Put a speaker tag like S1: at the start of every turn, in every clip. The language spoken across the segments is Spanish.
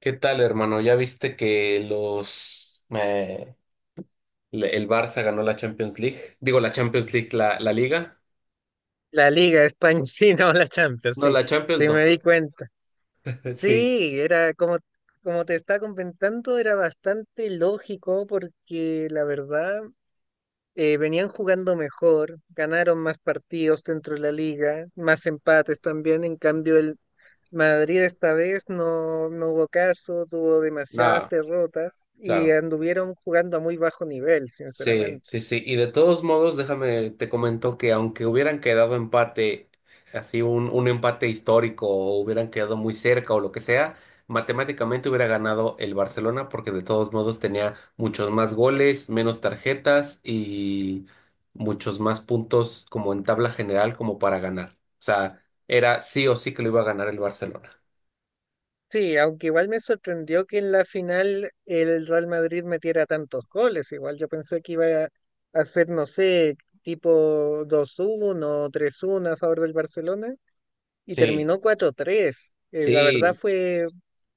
S1: ¿Qué tal, hermano? ¿Ya viste que el Barça ganó la Champions League? Digo, la Champions League, la Liga.
S2: La Liga de España, sí, no, la Champions,
S1: No,
S2: sí,
S1: la Champions
S2: sí
S1: no.
S2: me di cuenta.
S1: Sí,
S2: Sí, era como te estaba comentando, era bastante lógico porque la verdad venían jugando mejor, ganaron más partidos dentro de la liga, más empates también. En cambio, el Madrid esta vez no, no hubo caso, tuvo demasiadas
S1: no,
S2: derrotas y
S1: claro.
S2: anduvieron jugando a muy bajo nivel,
S1: Sí,
S2: sinceramente.
S1: sí, sí. Y de todos modos, déjame, te comento que aunque hubieran quedado empate, así un empate histórico, o hubieran quedado muy cerca o lo que sea, matemáticamente hubiera ganado el Barcelona porque de todos modos tenía muchos más goles, menos tarjetas y muchos más puntos como en tabla general como para ganar. O sea, era sí o sí que lo iba a ganar el Barcelona.
S2: Sí, aunque igual me sorprendió que en la final el Real Madrid metiera tantos goles. Igual yo pensé que iba a hacer, no sé, tipo 2-1, 3-1 a favor del Barcelona y
S1: Sí,
S2: terminó 4-3. La verdad
S1: sí.
S2: fue,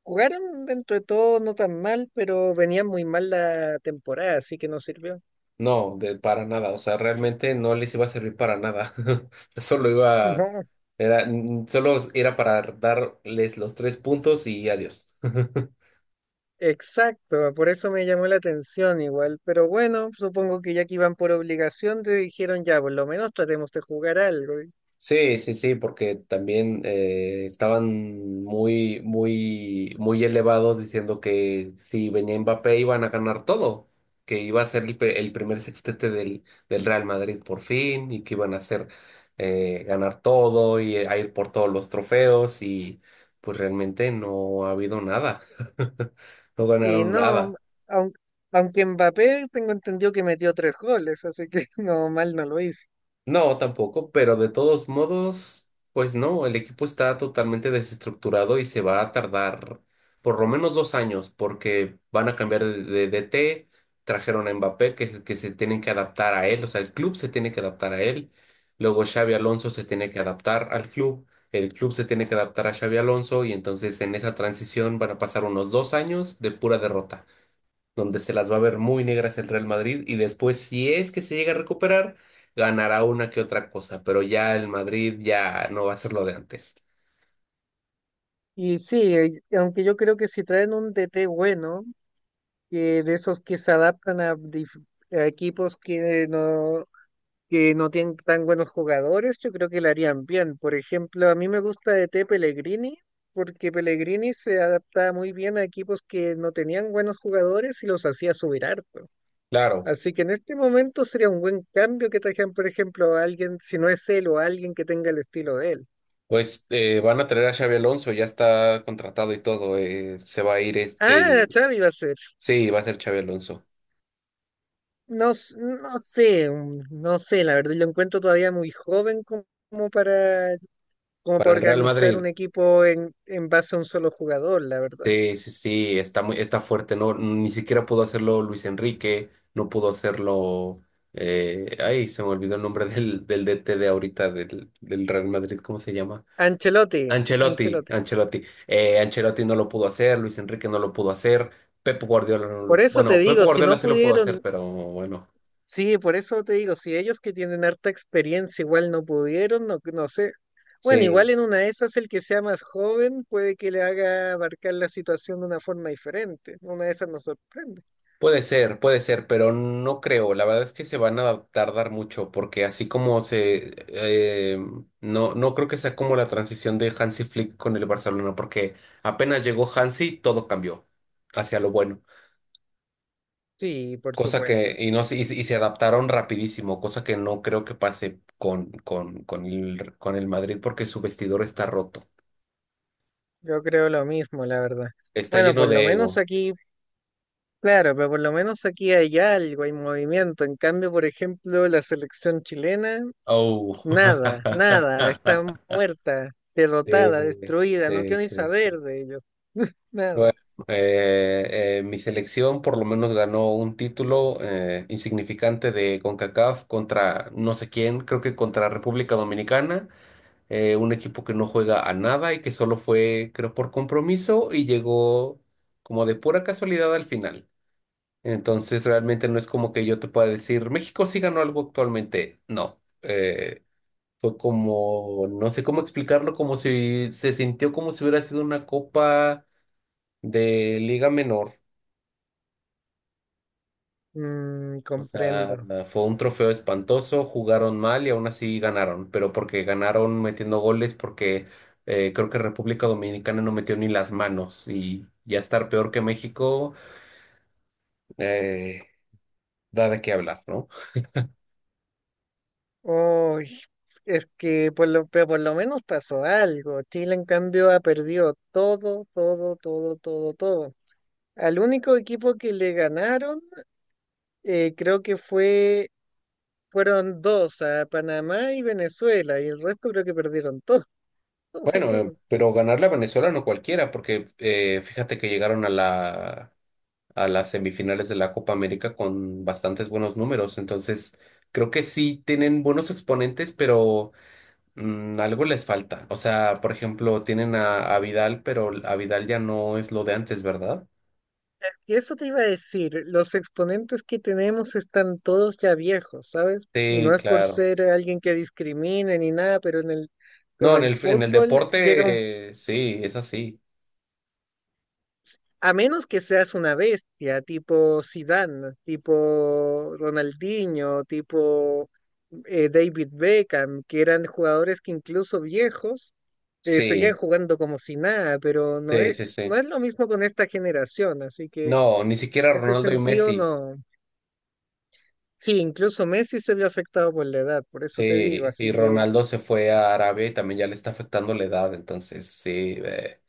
S2: jugaron dentro de todo no tan mal, pero venía muy mal la temporada, así que no sirvió.
S1: No, de para nada, o sea, realmente no les iba a servir para nada. Solo iba,
S2: No,
S1: solo era para darles los 3 puntos y adiós.
S2: exacto, por eso me llamó la atención igual. Pero bueno, supongo que ya que iban por obligación, te dijeron ya, por lo menos tratemos de jugar algo.
S1: Sí, sí, sí, porque también estaban muy, muy, muy elevados diciendo que si venía Mbappé iban a ganar todo, que iba a ser el primer sextete del Real Madrid por fin y que iban a hacer ganar todo y a ir por todos los trofeos, y pues realmente no ha habido nada, no
S2: Y
S1: ganaron
S2: no,
S1: nada.
S2: aunque, aunque Mbappé tengo entendido que metió tres goles, así que no, mal no lo hizo.
S1: No, tampoco, pero de todos modos, pues no, el equipo está totalmente desestructurado y se va a tardar por lo menos 2 años porque van a cambiar de DT, trajeron a Mbappé que se tienen que adaptar a él, o sea, el club se tiene que adaptar a él, luego Xavi Alonso se tiene que adaptar al club, el club se tiene que adaptar a Xavi Alonso, y entonces en esa transición van a pasar unos 2 años de pura derrota donde se las va a ver muy negras el Real Madrid y después, si es que se llega a recuperar, ganará una que otra cosa, pero ya el Madrid ya no va a ser lo de antes.
S2: Y sí, aunque yo creo que si traen un DT bueno, que de esos que se adaptan a equipos que no tienen tan buenos jugadores, yo creo que le harían bien. Por ejemplo, a mí me gusta DT Pellegrini, porque Pellegrini se adaptaba muy bien a equipos que no tenían buenos jugadores y los hacía subir harto.
S1: Claro,
S2: Así que en este momento sería un buen cambio que trajeran, por ejemplo, a alguien, si no es él, o a alguien que tenga el estilo de él.
S1: pues van a traer a Xabi Alonso, ya está contratado y todo, se va a ir es-
S2: Ah,
S1: el...
S2: Xavi va a ser.
S1: Sí, va a ser Xabi Alonso.
S2: No, no sé, no sé, la verdad, lo encuentro todavía muy joven como para, como para
S1: Para el Real
S2: organizar
S1: Madrid,
S2: un equipo en base a un solo jugador, la verdad.
S1: sí, sí, sí, está fuerte, ¿no? Ni siquiera pudo hacerlo Luis Enrique, no pudo hacerlo. Ay se me olvidó el nombre del DT de ahorita del Real Madrid. ¿Cómo se llama?
S2: Ancelotti,
S1: Ancelotti,
S2: Ancelotti.
S1: Ancelotti. Ancelotti no lo pudo hacer, Luis Enrique no lo pudo hacer, Pep Guardiola no
S2: Por
S1: lo.
S2: eso te
S1: Bueno, Pep
S2: digo, si
S1: Guardiola
S2: no
S1: sí lo pudo hacer,
S2: pudieron.
S1: pero bueno,
S2: Sí, por eso te digo, si ellos que tienen harta experiencia igual no pudieron, no, no sé. Bueno,
S1: sí,
S2: igual en una de esas el que sea más joven puede que le haga abarcar la situación de una forma diferente. Una de esas nos sorprende.
S1: puede ser, pero no creo. La verdad es que se van a tardar mucho, porque así como se. No no creo que sea como la transición de Hansi Flick con el Barcelona, porque apenas llegó Hansi, todo cambió hacia lo bueno.
S2: Sí, por
S1: Cosa
S2: supuesto.
S1: que, y no se- y, se y se adaptaron rapidísimo, cosa que no creo que pase con el Madrid porque su vestidor está roto.
S2: Yo creo lo mismo, la verdad.
S1: Está
S2: Bueno,
S1: lleno
S2: por lo
S1: de
S2: menos
S1: ego.
S2: aquí, claro, pero por lo menos aquí hay algo, hay movimiento. En cambio, por ejemplo, la selección chilena,
S1: Oh.
S2: nada, nada, está muerta,
S1: Sí,
S2: derrotada, destruida, no
S1: sí,
S2: quiero ni
S1: sí, sí.
S2: saber de ellos. Nada.
S1: Bueno, mi selección por lo menos ganó un título insignificante de CONCACAF contra no sé quién, creo que contra República Dominicana, un equipo que no juega a nada y que solo fue, creo, por compromiso y llegó como de pura casualidad al final. Entonces, realmente no es como que yo te pueda decir, México sí ganó algo actualmente. No, fue como, no sé cómo explicarlo, como si se sintió como si hubiera sido una copa de liga menor.
S2: Mm,
S1: O sea,
S2: comprendo.
S1: fue un trofeo espantoso, jugaron mal y aún así ganaron, pero porque ganaron metiendo goles, porque creo que República Dominicana no metió ni las manos, y ya estar peor que México eh, da de qué hablar, ¿no?
S2: Uy, es que por lo, pero por lo menos pasó algo. Chile, en cambio, ha perdido todo, todo, todo, todo, todo. Al único equipo que le ganaron, creo que fue, fueron dos, a Panamá y Venezuela, y el resto creo que perdieron todo, todo,
S1: Bueno,
S2: todo.
S1: pero ganarle a Venezuela no cualquiera, porque fíjate que llegaron a la, a las semifinales de la Copa América con bastantes buenos números, entonces creo que sí tienen buenos exponentes, pero. Algo les falta. O sea, por ejemplo, tienen a Vidal, pero a Vidal ya no es lo de antes, ¿verdad?
S2: Y eso te iba a decir, los exponentes que tenemos están todos ya viejos, ¿sabes? Y no
S1: Sí,
S2: es por
S1: claro.
S2: ser alguien que discrimine ni nada, pero en el, pero
S1: No,
S2: en el
S1: en el
S2: fútbol llega un.
S1: deporte, sí, es así.
S2: A menos que seas una bestia, tipo Zidane, tipo Ronaldinho, tipo David Beckham, que eran jugadores que incluso viejos seguían
S1: Sí,
S2: jugando como si nada, pero no
S1: sí,
S2: es,
S1: sí, sí.
S2: no es lo mismo con esta generación, así que
S1: No, ni
S2: en
S1: siquiera
S2: ese
S1: Ronaldo y
S2: sentido
S1: Messi.
S2: no. Sí, incluso Messi se vio afectado por la edad, por eso te digo,
S1: Sí, y
S2: así que
S1: Ronaldo se fue a Arabia y también ya le está afectando la edad. Entonces, sí,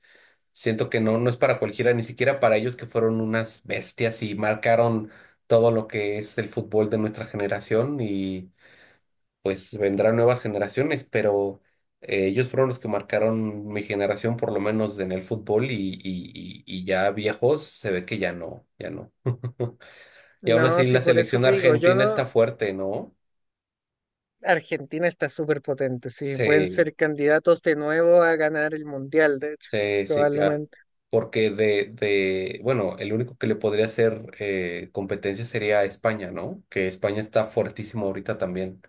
S1: siento que no, no es para cualquiera, ni siquiera para ellos, que fueron unas bestias y marcaron todo lo que es el fútbol de nuestra generación, y pues vendrán nuevas generaciones, pero ellos fueron los que marcaron mi generación, por lo menos en el fútbol, y ya viejos se ve que ya no, ya no. Y aún
S2: no,
S1: así
S2: sí,
S1: la
S2: por eso
S1: selección
S2: te digo, yo
S1: argentina
S2: no.
S1: está fuerte, ¿no?
S2: Argentina está súper potente, sí. Pueden
S1: Sí,
S2: ser candidatos de nuevo a ganar el Mundial, de hecho,
S1: sí, sí, claro.
S2: probablemente.
S1: Porque bueno, el único que le podría hacer competencia sería España, ¿no? Que España está fuertísimo ahorita también.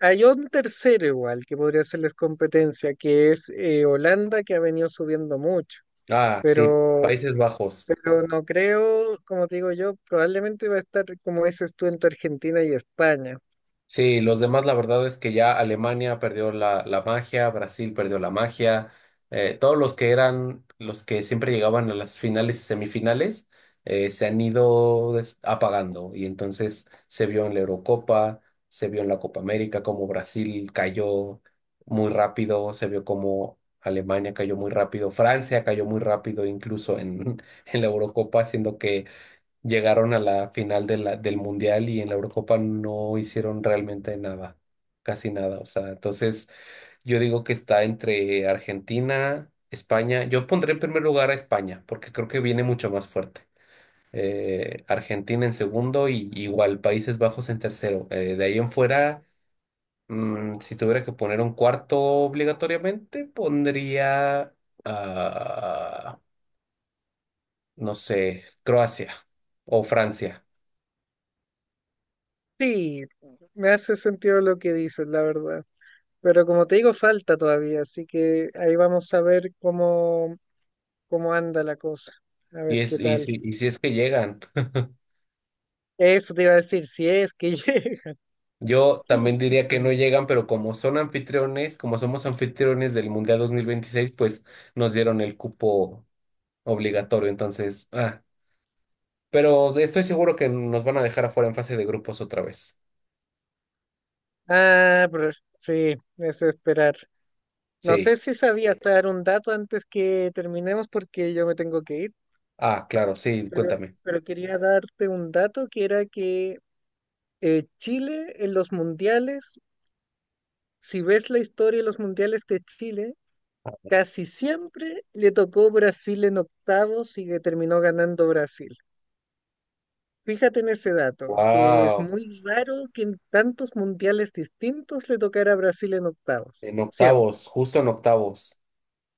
S2: Hay un tercero igual que podría hacerles competencia, que es Holanda, que ha venido subiendo mucho,
S1: Ah, sí,
S2: pero,
S1: Países Bajos.
S2: pero no creo, como te digo yo, probablemente va a estar como dices tú entre Argentina y España.
S1: Sí, los demás, la verdad es que ya Alemania perdió la magia, Brasil perdió la magia, todos los que eran los que siempre llegaban a las finales y semifinales se han ido apagando, y entonces se vio en la Eurocopa, se vio en la Copa América como Brasil cayó muy rápido, se vio como Alemania cayó muy rápido, Francia cayó muy rápido incluso en, en la Eurocopa, siendo que llegaron a la final de del Mundial y en la Eurocopa no hicieron realmente nada, casi nada. O sea, entonces yo digo que está entre Argentina, España. Yo pondré en primer lugar a España porque creo que viene mucho más fuerte. Argentina en segundo y igual Países Bajos en tercero. De ahí en fuera, si tuviera que poner un cuarto obligatoriamente, pondría, ah, no sé, Croacia o Francia.
S2: Sí, me hace sentido lo que dices, la verdad. Pero como te digo, falta todavía, así que ahí vamos a ver cómo, cómo anda la cosa, a
S1: Y,
S2: ver
S1: es,
S2: qué
S1: y,
S2: tal.
S1: si, y si es que llegan.
S2: Eso te iba a decir, si es que llega.
S1: Yo también diría que no
S2: Justamente.
S1: llegan, pero como son anfitriones, como somos anfitriones del Mundial 2026, pues nos dieron el cupo obligatorio. Entonces, pero estoy seguro que nos van a dejar afuera en fase de grupos otra vez.
S2: Ah, pero sí, es esperar. No
S1: Sí.
S2: sé si sabías dar un dato antes que terminemos porque yo me tengo que ir,
S1: Ah, claro, sí,
S2: pero,
S1: cuéntame.
S2: pero quería darte un dato que era que Chile en los mundiales, si ves la historia de los mundiales de Chile, casi siempre le tocó Brasil en octavos y que terminó ganando Brasil. Fíjate en ese dato, que es
S1: Wow.
S2: muy raro que en tantos mundiales distintos le tocara a Brasil en octavos.
S1: En
S2: Siempre.
S1: octavos, justo en octavos.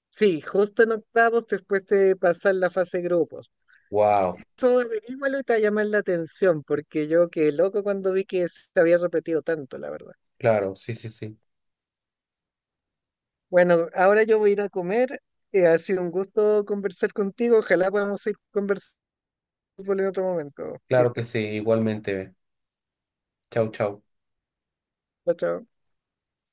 S2: Sí, justo en octavos después de pasar la fase de grupos.
S1: Wow.
S2: Eso averígualo y te va a llamar la atención, porque yo quedé loco cuando vi que se había repetido tanto, la verdad.
S1: Claro, sí, sí, sí.
S2: Bueno, ahora yo voy a ir a comer. Ha sido un gusto conversar contigo. Ojalá podamos ir conversando en otro momento,
S1: Claro que
S2: Cristian.
S1: sí, igualmente. Chau, chau.
S2: Chao, chao.